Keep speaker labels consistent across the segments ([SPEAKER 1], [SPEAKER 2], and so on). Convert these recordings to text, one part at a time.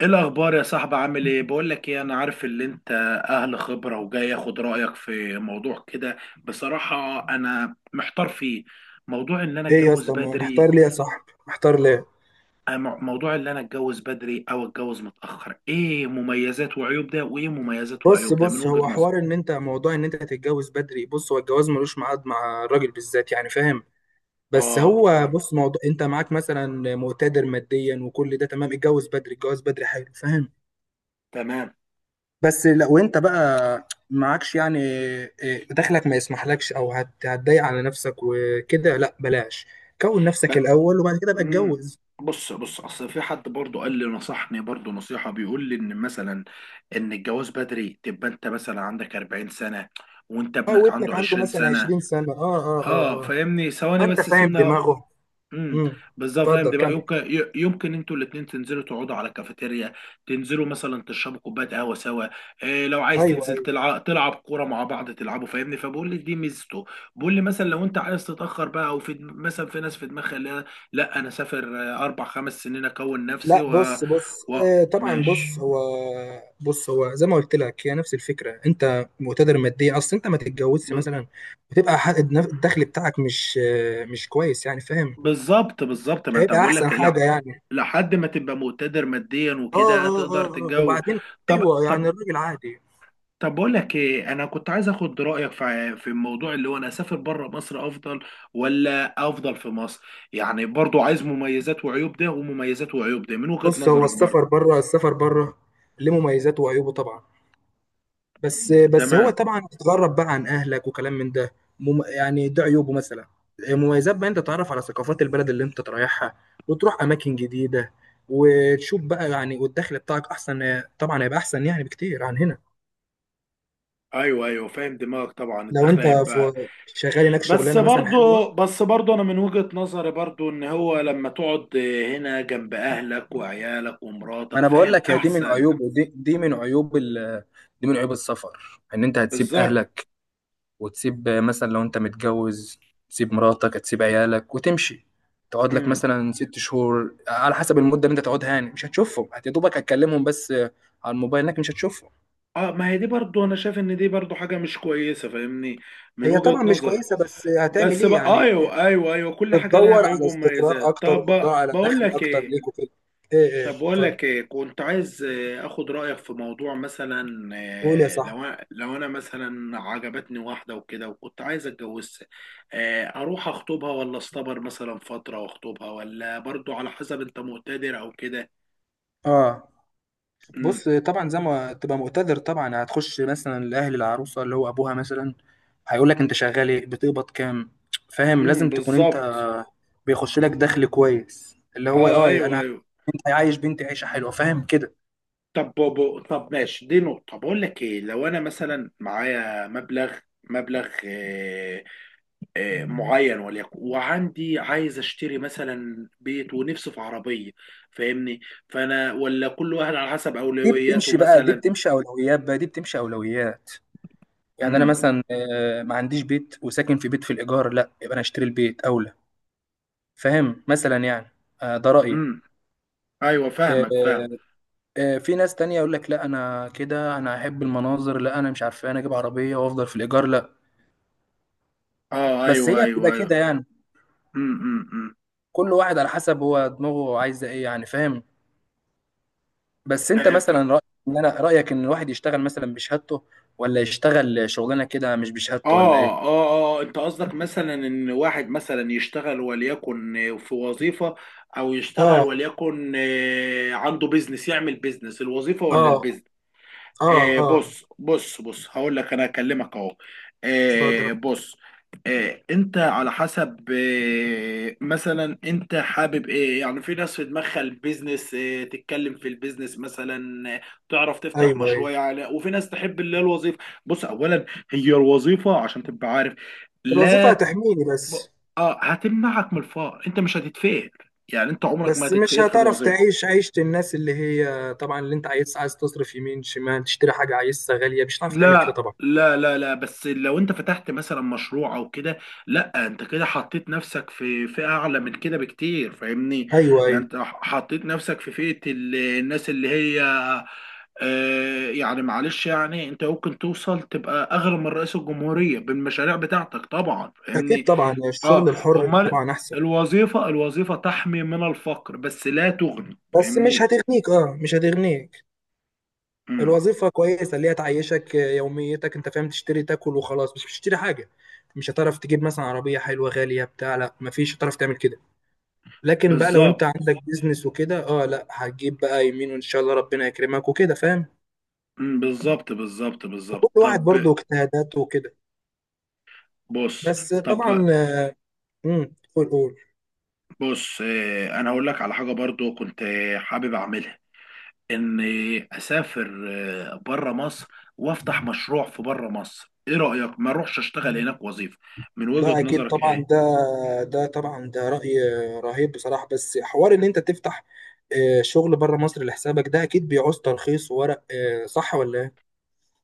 [SPEAKER 1] ايه الاخبار يا صاحبي؟ عامل ايه؟ بقول لك ايه، انا عارف ان انت اهل خبره وجاي اخد رايك في موضوع كده. بصراحه انا محتار فيه. موضوع ان انا
[SPEAKER 2] ايه يا
[SPEAKER 1] اتجوز
[SPEAKER 2] اسطى،
[SPEAKER 1] بدري.
[SPEAKER 2] محتار ليه يا صاحبي، محتار ليه؟
[SPEAKER 1] أم- موضوع ان انا اتجوز بدري او اتجوز متاخر، ايه مميزات وعيوب ده وايه مميزات
[SPEAKER 2] بص
[SPEAKER 1] وعيوب ده من
[SPEAKER 2] بص،
[SPEAKER 1] وجهه
[SPEAKER 2] هو
[SPEAKER 1] نظر؟
[SPEAKER 2] حوار ان انت، موضوع ان انت هتتجوز بدري. بص، هو الجواز ملوش ميعاد مع الراجل بالذات، يعني فاهم. بس
[SPEAKER 1] اه
[SPEAKER 2] هو
[SPEAKER 1] فاهم،
[SPEAKER 2] بص، موضوع انت معاك مثلا مقتدر ماديا وكل ده تمام، اتجوز بدري، اتجوز بدري حلو، فاهم.
[SPEAKER 1] تمام.
[SPEAKER 2] بس لو انت بقى معكش يعني، إيه، دخلك ما يسمحلكش، او هتضايق على نفسك وكده، لا بلاش. كون نفسك الاول وبعد كده بقى
[SPEAKER 1] مم.
[SPEAKER 2] اتجوز.
[SPEAKER 1] بص بص اصل في حد برضو قال لي، نصحني برضو نصيحة بيقول لي ان مثلا ان الجواز بدري تبقى انت مثلا عندك 40 سنة وانت
[SPEAKER 2] اه،
[SPEAKER 1] ابنك عنده
[SPEAKER 2] وابنك عنده
[SPEAKER 1] 20
[SPEAKER 2] مثلا
[SPEAKER 1] سنة.
[SPEAKER 2] 20 سنة، اه اه
[SPEAKER 1] اه
[SPEAKER 2] اه
[SPEAKER 1] فاهمني،
[SPEAKER 2] اه.
[SPEAKER 1] ثواني
[SPEAKER 2] انت
[SPEAKER 1] بس
[SPEAKER 2] فاهم
[SPEAKER 1] سيبنا.
[SPEAKER 2] دماغه.
[SPEAKER 1] امم
[SPEAKER 2] امم
[SPEAKER 1] بالظبط، فاهم
[SPEAKER 2] اتفضل،
[SPEAKER 1] دماغ،
[SPEAKER 2] كمل.
[SPEAKER 1] يمكن يمكن انتوا الاثنين تنزلوا تقعدوا على كافيتيريا، تنزلوا مثلا تشربوا كوبايه قهوه سوا، إيه لو عايز
[SPEAKER 2] ايوه
[SPEAKER 1] تنزل
[SPEAKER 2] ايوه.
[SPEAKER 1] تلعب، تلعب كوره مع بعض تلعبوا فاهمني، فبقول لي دي ميزته. بقول لي مثلا لو انت عايز تتاخر بقى، او في مثلا في ناس في دماغها اللي هي لا انا اسافر، اربع خمس سنين اكون نفسي
[SPEAKER 2] لا، بص بص،
[SPEAKER 1] و...
[SPEAKER 2] طبعا، بص
[SPEAKER 1] ماشي.
[SPEAKER 2] هو. بص، هو زي ما قلت لك هي نفس الفكره. انت مقتدر ماديا، اصل انت ما تتجوزش
[SPEAKER 1] ب...
[SPEAKER 2] مثلا، وتبقى، الدخل بتاعك مش مش كويس، يعني فاهم.
[SPEAKER 1] بالظبط بالظبط،
[SPEAKER 2] مش
[SPEAKER 1] ما انت
[SPEAKER 2] هيبقى
[SPEAKER 1] بقول
[SPEAKER 2] احسن
[SPEAKER 1] لك لا،
[SPEAKER 2] حاجه يعني.
[SPEAKER 1] لحد ما تبقى مقتدر ماديا
[SPEAKER 2] اه
[SPEAKER 1] وكده
[SPEAKER 2] اه اه
[SPEAKER 1] تقدر
[SPEAKER 2] اه، آه.
[SPEAKER 1] تتجوز.
[SPEAKER 2] وبعدين؟
[SPEAKER 1] طب
[SPEAKER 2] ايوه
[SPEAKER 1] طب،
[SPEAKER 2] يعني الراجل عادي.
[SPEAKER 1] طب بقول لك ايه، انا كنت عايز اخد رايك في الموضوع اللي هو انا اسافر بره مصر افضل ولا افضل في مصر؟ يعني برضو عايز مميزات وعيوب ده ومميزات وعيوب ده من وجهة
[SPEAKER 2] بص، هو
[SPEAKER 1] نظرك برضو.
[SPEAKER 2] السفر بره، السفر بره ليه مميزاته وعيوبه طبعا. بس بس هو
[SPEAKER 1] تمام.
[SPEAKER 2] طبعا تتغرب بقى عن اهلك وكلام من ده. يعني ده عيوبه مثلا. مميزات بقى، انت تتعرف على ثقافات البلد اللي انت رايحها، وتروح اماكن جديده، وتشوف بقى يعني، والدخل بتاعك احسن، طبعا هيبقى احسن يعني بكتير عن هنا.
[SPEAKER 1] ايوه ايوه فاهم دماغك، طبعا
[SPEAKER 2] لو
[SPEAKER 1] الدخل
[SPEAKER 2] انت
[SPEAKER 1] هيبقى.
[SPEAKER 2] في شغال هناك
[SPEAKER 1] بس
[SPEAKER 2] شغلانه مثلا حلوه.
[SPEAKER 1] برضو، بس برضو انا من وجهة نظري برضو ان هو لما تقعد هنا جنب اهلك وعيالك
[SPEAKER 2] ما
[SPEAKER 1] ومراتك
[SPEAKER 2] انا بقول
[SPEAKER 1] فاهم
[SPEAKER 2] لك، هي دي من
[SPEAKER 1] احسن.
[SPEAKER 2] عيوب دي. دي من عيوب ال دي من عيوب السفر، ان انت هتسيب
[SPEAKER 1] بالظبط.
[SPEAKER 2] اهلك، وتسيب مثلا لو انت متجوز، تسيب مراتك، تسيب عيالك وتمشي، تقعد لك
[SPEAKER 1] امم.
[SPEAKER 2] مثلا 6 شهور، على حسب المدة اللي انت تقعدها، يعني مش هتشوفهم، يا دوبك هتكلمهم بس على الموبايل، انك مش هتشوفهم.
[SPEAKER 1] اه، ما هي دي برضو انا شايف ان دي برضو حاجة مش كويسة فاهمني، من
[SPEAKER 2] هي
[SPEAKER 1] وجهة
[SPEAKER 2] طبعا مش
[SPEAKER 1] نظري.
[SPEAKER 2] كويسه، بس هتعمل
[SPEAKER 1] بس
[SPEAKER 2] ايه
[SPEAKER 1] بقى،
[SPEAKER 2] يعني؟
[SPEAKER 1] ايوه ايوه ايوه، كل حاجه لها
[SPEAKER 2] بتدور
[SPEAKER 1] عيوب
[SPEAKER 2] على استقرار
[SPEAKER 1] ومميزات.
[SPEAKER 2] اكتر،
[SPEAKER 1] طب
[SPEAKER 2] وبتدور على
[SPEAKER 1] بقول
[SPEAKER 2] دخل
[SPEAKER 1] لك
[SPEAKER 2] اكتر
[SPEAKER 1] ايه،
[SPEAKER 2] ليك وكده. ايه ايه،
[SPEAKER 1] طب بقول
[SPEAKER 2] اتفضل.
[SPEAKER 1] لك ايه، كنت عايز اخد رايك في موضوع، مثلا
[SPEAKER 2] قول يا صاحبي.
[SPEAKER 1] لو لو انا مثلا عجبتني واحده وكده وكنت عايز اتجوزها. اروح اخطبها ولا اصطبر مثلا فتره واخطبها؟ ولا برضو على حسب انت مقتدر او كده.
[SPEAKER 2] اه،
[SPEAKER 1] امم.
[SPEAKER 2] بص، طبعا زي ما تبقى مقتدر، طبعا هتخش مثلا لاهل العروسه، اللي هو ابوها مثلا، هيقول لك انت شغال ايه، بتقبض كام؟ فاهم، لازم تكون انت
[SPEAKER 1] بالظبط.
[SPEAKER 2] بيخش لك دخل كويس، اللي هو
[SPEAKER 1] اه
[SPEAKER 2] اه،
[SPEAKER 1] ايوه
[SPEAKER 2] انا،
[SPEAKER 1] ايوه.
[SPEAKER 2] انت عايش بنتي عيشه حلوه، فاهم كده.
[SPEAKER 1] طب بابا، طب ماشي، دي نقطه. بقول لك ايه، لو انا مثلا معايا مبلغ، مبلغ معين وليكن، وعندي عايز اشتري مثلا بيت، ونفسي في عربيه، فاهمني؟ فانا ولا كل واحد على حسب
[SPEAKER 2] دي
[SPEAKER 1] اولوياته
[SPEAKER 2] بتمشي بقى، دي
[SPEAKER 1] مثلا.
[SPEAKER 2] بتمشي اولويات بقى، دي بتمشي اولويات. يعني انا
[SPEAKER 1] امم.
[SPEAKER 2] مثلا، ما عنديش بيت وساكن في بيت في الايجار، لا، يبقى انا اشتري البيت اولى. فاهم مثلا يعني. ده رايي.
[SPEAKER 1] امم. ايوه
[SPEAKER 2] آه،
[SPEAKER 1] فاهمك فاهم.
[SPEAKER 2] في ناس تانية يقول لك: لا، انا كده، انا احب المناظر، لا، انا مش عارف إيه، انا اجيب عربية وافضل في الايجار، لا.
[SPEAKER 1] اه
[SPEAKER 2] بس
[SPEAKER 1] ايوه
[SPEAKER 2] هي بتبقى
[SPEAKER 1] ايوه ايوه.
[SPEAKER 2] كده يعني.
[SPEAKER 1] أمم.
[SPEAKER 2] كل واحد على حسب هو دماغه عايزة ايه، يعني فاهم. بس انت
[SPEAKER 1] آه ف...
[SPEAKER 2] مثلا، رأيك ان الواحد يشتغل مثلا بشهادته، ولا يشتغل شغلانة كده مش بشهادته، ولا
[SPEAKER 1] اه
[SPEAKER 2] ايه؟
[SPEAKER 1] اه اه، انت قصدك مثلا ان واحد مثلا يشتغل وليكن في وظيفه، او يشتغل
[SPEAKER 2] اه
[SPEAKER 1] وليكن عنده بيزنس، يعمل بيزنس، الوظيفه ولا
[SPEAKER 2] اه
[SPEAKER 1] البيزنس؟
[SPEAKER 2] اه
[SPEAKER 1] آه
[SPEAKER 2] اه،
[SPEAKER 1] بص بص بص، هقول لك انا هكلمك اهو.
[SPEAKER 2] اتفضل.
[SPEAKER 1] آه بص. آه انت على حسب، مثلا انت حابب ايه؟ يعني في ناس في دماغها البيزنس، تتكلم في البيزنس مثلا، تعرف تفتح
[SPEAKER 2] ايوه
[SPEAKER 1] مشروع
[SPEAKER 2] ايوه.
[SPEAKER 1] يعني. وفي ناس تحب اللي هي الوظيفه. بص، اولا هي الوظيفه عشان تبقى عارف.
[SPEAKER 2] الوظيفه
[SPEAKER 1] لا
[SPEAKER 2] هتحميني
[SPEAKER 1] ب-
[SPEAKER 2] بس.
[SPEAKER 1] اه هتمنعك من الفقر، انت مش هتتفقر، يعني انت عمرك ما
[SPEAKER 2] بس مش
[SPEAKER 1] هتتفقر في
[SPEAKER 2] هتعرف
[SPEAKER 1] الوظيفه.
[SPEAKER 2] تعيش عيشه الناس، اللي هي طبعا اللي انت عايز تصرف يمين شمال، تشتري حاجه عايزها غاليه، مش هتعرف تعمل كده
[SPEAKER 1] لا
[SPEAKER 2] طبعا.
[SPEAKER 1] لا لا لا، بس لو انت فتحت مثلا مشروع او كده، لا انت كده حطيت نفسك في فئة اعلى من كده بكتير فاهمني.
[SPEAKER 2] ايوه ايوه،
[SPEAKER 1] انت حطيت نفسك في فئة الناس اللي هي يعني معلش، يعني انت ممكن توصل تبقى اغلى من رئيس الجمهورية بالمشاريع بتاعتك طبعا
[SPEAKER 2] اكيد
[SPEAKER 1] فاهمني.
[SPEAKER 2] طبعا يعني
[SPEAKER 1] اه،
[SPEAKER 2] الشغل الحر
[SPEAKER 1] امال.
[SPEAKER 2] طبعا احسن.
[SPEAKER 1] الوظيفة تحمي من الفقر بس لا تغني
[SPEAKER 2] بس مش
[SPEAKER 1] فاهمني.
[SPEAKER 2] هتغنيك، اه، مش هتغنيك.
[SPEAKER 1] امم
[SPEAKER 2] الوظيفه كويسه اللي هي تعيشك يوميتك، انت فاهم، تشتري تاكل وخلاص، مش بتشتري حاجه. مش هتعرف تجيب مثلا عربيه حلوه غاليه بتاع، لا مفيش، هتعرف تعمل كده. لكن بقى لو انت
[SPEAKER 1] بالظبط.
[SPEAKER 2] عندك بيزنس وكده، اه لا، هتجيب بقى يمين، وان شاء الله ربنا يكرمك وكده، فاهم.
[SPEAKER 1] بالظبط بالظبط بالظبط.
[SPEAKER 2] وكل واحد
[SPEAKER 1] طب
[SPEAKER 2] برضه اجتهاداته وكده.
[SPEAKER 1] بص،
[SPEAKER 2] بس
[SPEAKER 1] طب
[SPEAKER 2] طبعا. قول قول.
[SPEAKER 1] بص، انا هقول لك على حاجه برضو كنت حابب اعملها، ان اسافر بره مصر، وافتح مشروع في بره مصر. ايه رايك؟ ما اروحش اشتغل هناك وظيفه؟ من
[SPEAKER 2] لا
[SPEAKER 1] وجهه
[SPEAKER 2] اكيد
[SPEAKER 1] نظرك
[SPEAKER 2] طبعا ده،
[SPEAKER 1] ايه؟
[SPEAKER 2] ده طبعا ده راي رهيب بصراحه. بس حوار ان انت تفتح شغل بره مصر لحسابك، ده اكيد بيعوز ترخيص وورق، صح ولا ايه؟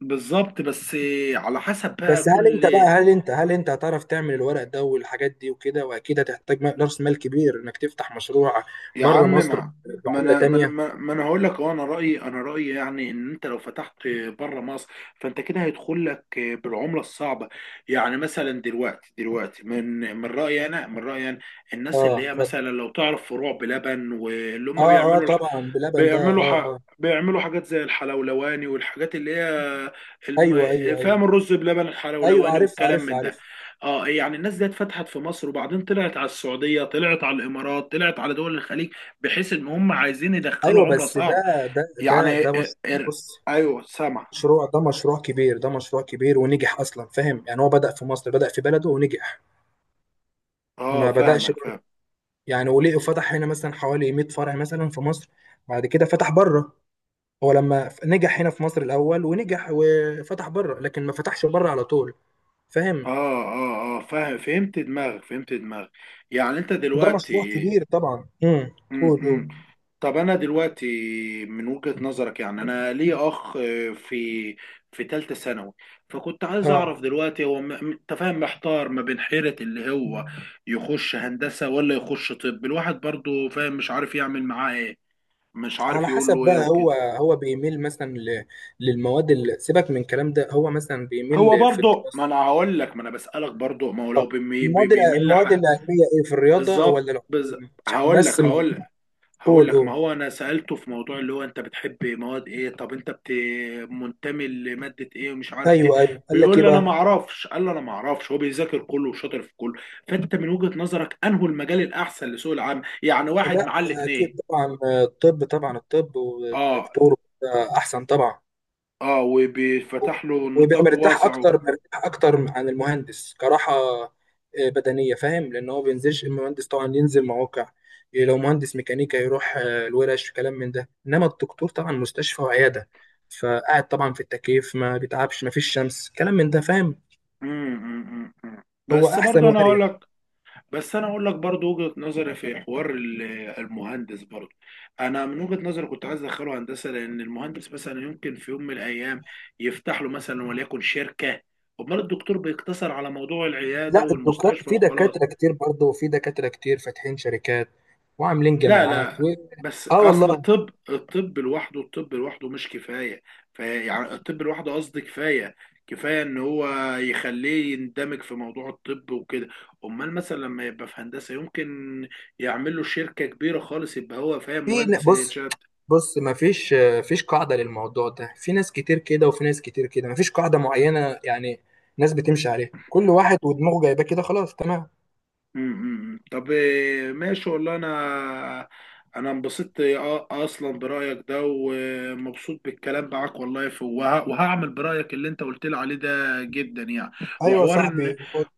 [SPEAKER 1] بالظبط، بس على حسب بقى
[SPEAKER 2] بس هل انت بقى،
[SPEAKER 1] كل.
[SPEAKER 2] هل انت هتعرف تعمل الورق ده والحاجات دي وكده، واكيد هتحتاج راس مال كبير انك تفتح مشروع
[SPEAKER 1] يا عم
[SPEAKER 2] بره مصر
[SPEAKER 1] ما، ما
[SPEAKER 2] بعمله
[SPEAKER 1] انا ما انا
[SPEAKER 2] تانية.
[SPEAKER 1] ما انا هقول لك، اه انا رايي، انا رايي يعني ان انت لو فتحت بره مصر فانت كده هيدخل لك بالعمله الصعبه. يعني مثلا دلوقتي دلوقتي، من رايي انا، من رايي انا، الناس
[SPEAKER 2] اه،
[SPEAKER 1] اللي هي
[SPEAKER 2] اتفضل.
[SPEAKER 1] مثلا لو تعرف فروع بلبن واللي هم
[SPEAKER 2] اه اه،
[SPEAKER 1] بيعملوا،
[SPEAKER 2] طبعا بلبن ده،
[SPEAKER 1] بيعملوا
[SPEAKER 2] اه اه.
[SPEAKER 1] بيعملوا حاجات زي الحلولواني، والحاجات اللي هي الم...
[SPEAKER 2] ايوه ايوه ايوه
[SPEAKER 1] فاهم، الرز بلبن
[SPEAKER 2] ايوه،
[SPEAKER 1] الحلولواني
[SPEAKER 2] عارف
[SPEAKER 1] والكلام
[SPEAKER 2] عارف
[SPEAKER 1] من ده.
[SPEAKER 2] عارف.
[SPEAKER 1] اه، يعني الناس دي اتفتحت في مصر، وبعدين طلعت على السعودية، طلعت على الامارات، طلعت على دول الخليج، بحيث ان هم عايزين يدخلوا
[SPEAKER 2] ايوه،
[SPEAKER 1] عملة
[SPEAKER 2] بس ده،
[SPEAKER 1] صعبة، يعني
[SPEAKER 2] مش. بص،
[SPEAKER 1] ايوه سامع.
[SPEAKER 2] مشروع ده مشروع كبير، ده مشروع كبير ونجح اصلا، فاهم يعني. هو بدأ في مصر، بدأ في بلده ونجح.
[SPEAKER 1] اه
[SPEAKER 2] ما بدأش
[SPEAKER 1] فاهمك
[SPEAKER 2] بره.
[SPEAKER 1] فاهم.
[SPEAKER 2] يعني وليه فتح هنا مثلا حوالي 100 فرع مثلا في مصر، بعد كده فتح بره. هو لما نجح هنا في مصر الاول ونجح وفتح بره، لكن ما فتحش بره على طول.
[SPEAKER 1] اه
[SPEAKER 2] فاهم.
[SPEAKER 1] اه اه فاهم، فهمت دماغك، فهمت دماغك. يعني انت
[SPEAKER 2] وده
[SPEAKER 1] دلوقتي.
[SPEAKER 2] مشروع كبير طبعا. قول قول.
[SPEAKER 1] امم. طب انا دلوقتي من وجهة نظرك، يعني انا لي اخ في في ثالثه ثانوي، فكنت عايز
[SPEAKER 2] اه،
[SPEAKER 1] اعرف دلوقتي هو انت فاهم، محتار ما بين حيرة اللي هو يخش هندسة ولا يخش طب؟ الواحد برضو فاهم، مش عارف يعمل معاه ايه، مش عارف
[SPEAKER 2] على
[SPEAKER 1] يقول
[SPEAKER 2] حسب
[SPEAKER 1] له ايه
[SPEAKER 2] بقى،
[SPEAKER 1] وكده.
[SPEAKER 2] هو هو بيميل مثلا للمواد. اللي سيبك من الكلام ده، هو مثلا
[SPEAKER 1] هو
[SPEAKER 2] بيميل في
[SPEAKER 1] برضو، ما
[SPEAKER 2] الدراسة،
[SPEAKER 1] انا هقول لك، ما انا بسألك برضو، ما هو لو بيميل
[SPEAKER 2] المواد العلمية، ايه في الرياضة ولا
[SPEAKER 1] بالظبط بالظبط.
[SPEAKER 2] العلوم؟ عشان
[SPEAKER 1] هقول
[SPEAKER 2] بس
[SPEAKER 1] لك،
[SPEAKER 2] ما،
[SPEAKER 1] هقول لك، هقول
[SPEAKER 2] قول
[SPEAKER 1] لك ما
[SPEAKER 2] قول.
[SPEAKER 1] هو انا سألته في موضوع اللي هو انت بتحب مواد ايه؟ طب انت منتمي لمادة ايه ومش عارف ايه.
[SPEAKER 2] ايوه ايوه، قال لك
[SPEAKER 1] بيقول
[SPEAKER 2] ايه
[SPEAKER 1] لي انا ما
[SPEAKER 2] بقى؟
[SPEAKER 1] اعرفش، قال لي انا ما اعرفش، هو بيذاكر كله وشاطر في كله. فانت من وجهة نظرك انه المجال الاحسن لسوق العمل، يعني واحد
[SPEAKER 2] لا
[SPEAKER 1] معاه الاتنين؟
[SPEAKER 2] اكيد طبعا، الطب، طبعا الطب
[SPEAKER 1] اه
[SPEAKER 2] والدكتور، ده احسن طبعا.
[SPEAKER 1] اه. وبيفتح له
[SPEAKER 2] ويبقى
[SPEAKER 1] نطاق
[SPEAKER 2] مرتاح
[SPEAKER 1] واسع
[SPEAKER 2] اكتر، مرتاح اكتر عن المهندس، كراحة بدنية، فاهم، لان هو بينزلش. المهندس طبعا ينزل مواقع، إيه، لو مهندس ميكانيكا يروح الورش وكلام من ده، انما الدكتور طبعا مستشفى وعيادة، فقاعد طبعا في التكييف، ما بيتعبش، ما فيش شمس، كلام من ده، فاهم.
[SPEAKER 1] مم، مم، مم، مم.
[SPEAKER 2] هو
[SPEAKER 1] بس
[SPEAKER 2] احسن
[SPEAKER 1] برضه انا هقول
[SPEAKER 2] واريح.
[SPEAKER 1] لك، بس انا اقول لك برضو وجهة نظري في حوار المهندس برضو، انا من وجهة نظري كنت عايز ادخله هندسة، لان المهندس مثلا يمكن في يوم من الايام يفتح له مثلا وليكن شركة، امال الدكتور بيقتصر على موضوع العيادة
[SPEAKER 2] لا، الدكاتره
[SPEAKER 1] والمستشفى
[SPEAKER 2] في
[SPEAKER 1] وخلاص.
[SPEAKER 2] دكاتره كتير برضه، وفي دكاتره كتير فاتحين شركات وعاملين
[SPEAKER 1] لا
[SPEAKER 2] جامعات
[SPEAKER 1] لا،
[SPEAKER 2] و.
[SPEAKER 1] بس
[SPEAKER 2] اه
[SPEAKER 1] اصل
[SPEAKER 2] والله.
[SPEAKER 1] الطب، الطب لوحده، الطب لوحده مش كفايه، فيعني الطب لوحده قصدي كفايه، كفايه ان هو يخليه يندمج في موضوع الطب وكده، امال مثلا لما يبقى في هندسه يمكن يعمل له شركه كبيره خالص، يبقى هو فاهم
[SPEAKER 2] في
[SPEAKER 1] مهندس
[SPEAKER 2] بص،
[SPEAKER 1] الانشاء.
[SPEAKER 2] بص، ما فيش، فيش قاعده للموضوع ده. في ناس كتير كده، وفي ناس كتير كده، ما فيش قاعده معينه يعني. ناس بتمشي عليها، كل واحد ودماغه جايباه كده، خلاص تمام.
[SPEAKER 1] امم. طب ماشي والله، انا انا انبسطت اصلا برايك ده، ومبسوط بالكلام معاك والله، وهعمل برايك اللي انت قلت لي عليه ده جدا يعني.
[SPEAKER 2] ايوه يا
[SPEAKER 1] وحوار ان،
[SPEAKER 2] صاحبي.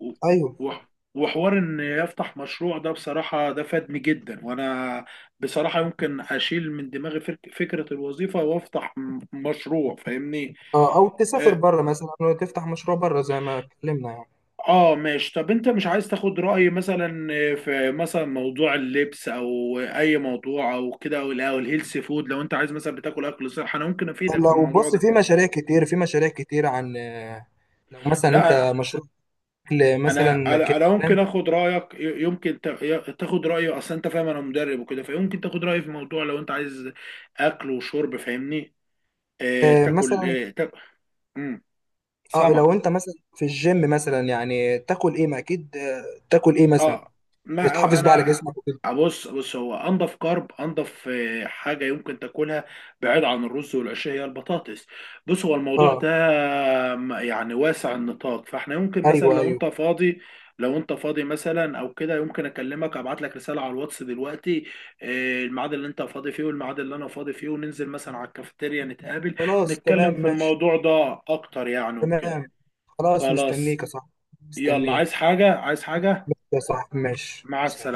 [SPEAKER 1] و-
[SPEAKER 2] ايوه،
[SPEAKER 1] وحوار ان يفتح مشروع ده، بصراحة ده فادني جدا، وانا بصراحة يمكن اشيل من دماغي فكرة الوظيفة وافتح مشروع فاهمني.
[SPEAKER 2] اه، او تسافر بره مثلا وتفتح مشروع بره زي ما اتكلمنا يعني.
[SPEAKER 1] اه ماشي. طب انت مش عايز تاخد رأيي مثلا في مثلا موضوع اللبس او اي موضوع او كده، او او الهيلث فود؟ لو انت عايز مثلا بتاكل اكل صح انا ممكن افيدك في
[SPEAKER 2] لو
[SPEAKER 1] الموضوع
[SPEAKER 2] بص،
[SPEAKER 1] ده.
[SPEAKER 2] في مشاريع كتير، في مشاريع كتير عن، لو مثلا انت
[SPEAKER 1] لا
[SPEAKER 2] مشروع أكل
[SPEAKER 1] انا
[SPEAKER 2] مثلا
[SPEAKER 1] انا
[SPEAKER 2] كده،
[SPEAKER 1] أنا ممكن اخد رأيك، يمكن تاخد رأيي اصلا، انت فاهم انا مدرب وكده، فيمكن تاخد رأيي في موضوع لو انت عايز اكل وشرب فاهمني. آه تاكل،
[SPEAKER 2] مثلا،
[SPEAKER 1] آه تاكل.
[SPEAKER 2] اه
[SPEAKER 1] سامع.
[SPEAKER 2] لو انت مثلا في الجيم مثلا، يعني تاكل ايه، ما اكيد تاكل ايه مثلا،
[SPEAKER 1] اه، ما
[SPEAKER 2] تحافظ بقى على
[SPEAKER 1] انا.
[SPEAKER 2] جسمك وكده.
[SPEAKER 1] بص بص هو انضف كارب، انضف حاجه يمكن تاكلها بعيد عن الرز والعيش هي البطاطس. بص هو الموضوع ده
[SPEAKER 2] اه
[SPEAKER 1] يعني واسع النطاق، فاحنا يمكن مثلا
[SPEAKER 2] ايوه
[SPEAKER 1] لو
[SPEAKER 2] ايوه،
[SPEAKER 1] انت فاضي، لو انت فاضي مثلا او كده، يمكن اكلمك ابعت لك رساله على الواتس دلوقتي، الميعاد اللي انت فاضي فيه والميعاد اللي انا فاضي فيه، وننزل مثلا على الكافيتيريا نتقابل،
[SPEAKER 2] خلاص
[SPEAKER 1] نتكلم
[SPEAKER 2] تمام
[SPEAKER 1] في
[SPEAKER 2] ماشي.
[SPEAKER 1] الموضوع ده اكتر يعني وكده.
[SPEAKER 2] تمام، خلاص، مستنيك
[SPEAKER 1] خلاص.
[SPEAKER 2] يا صاحبي،
[SPEAKER 1] يلا، عايز
[SPEAKER 2] مستنيك.
[SPEAKER 1] حاجه؟ عايز حاجه؟
[SPEAKER 2] ماشي يا صاحبي، ماشي،
[SPEAKER 1] مع
[SPEAKER 2] سلام.
[SPEAKER 1] السلامه.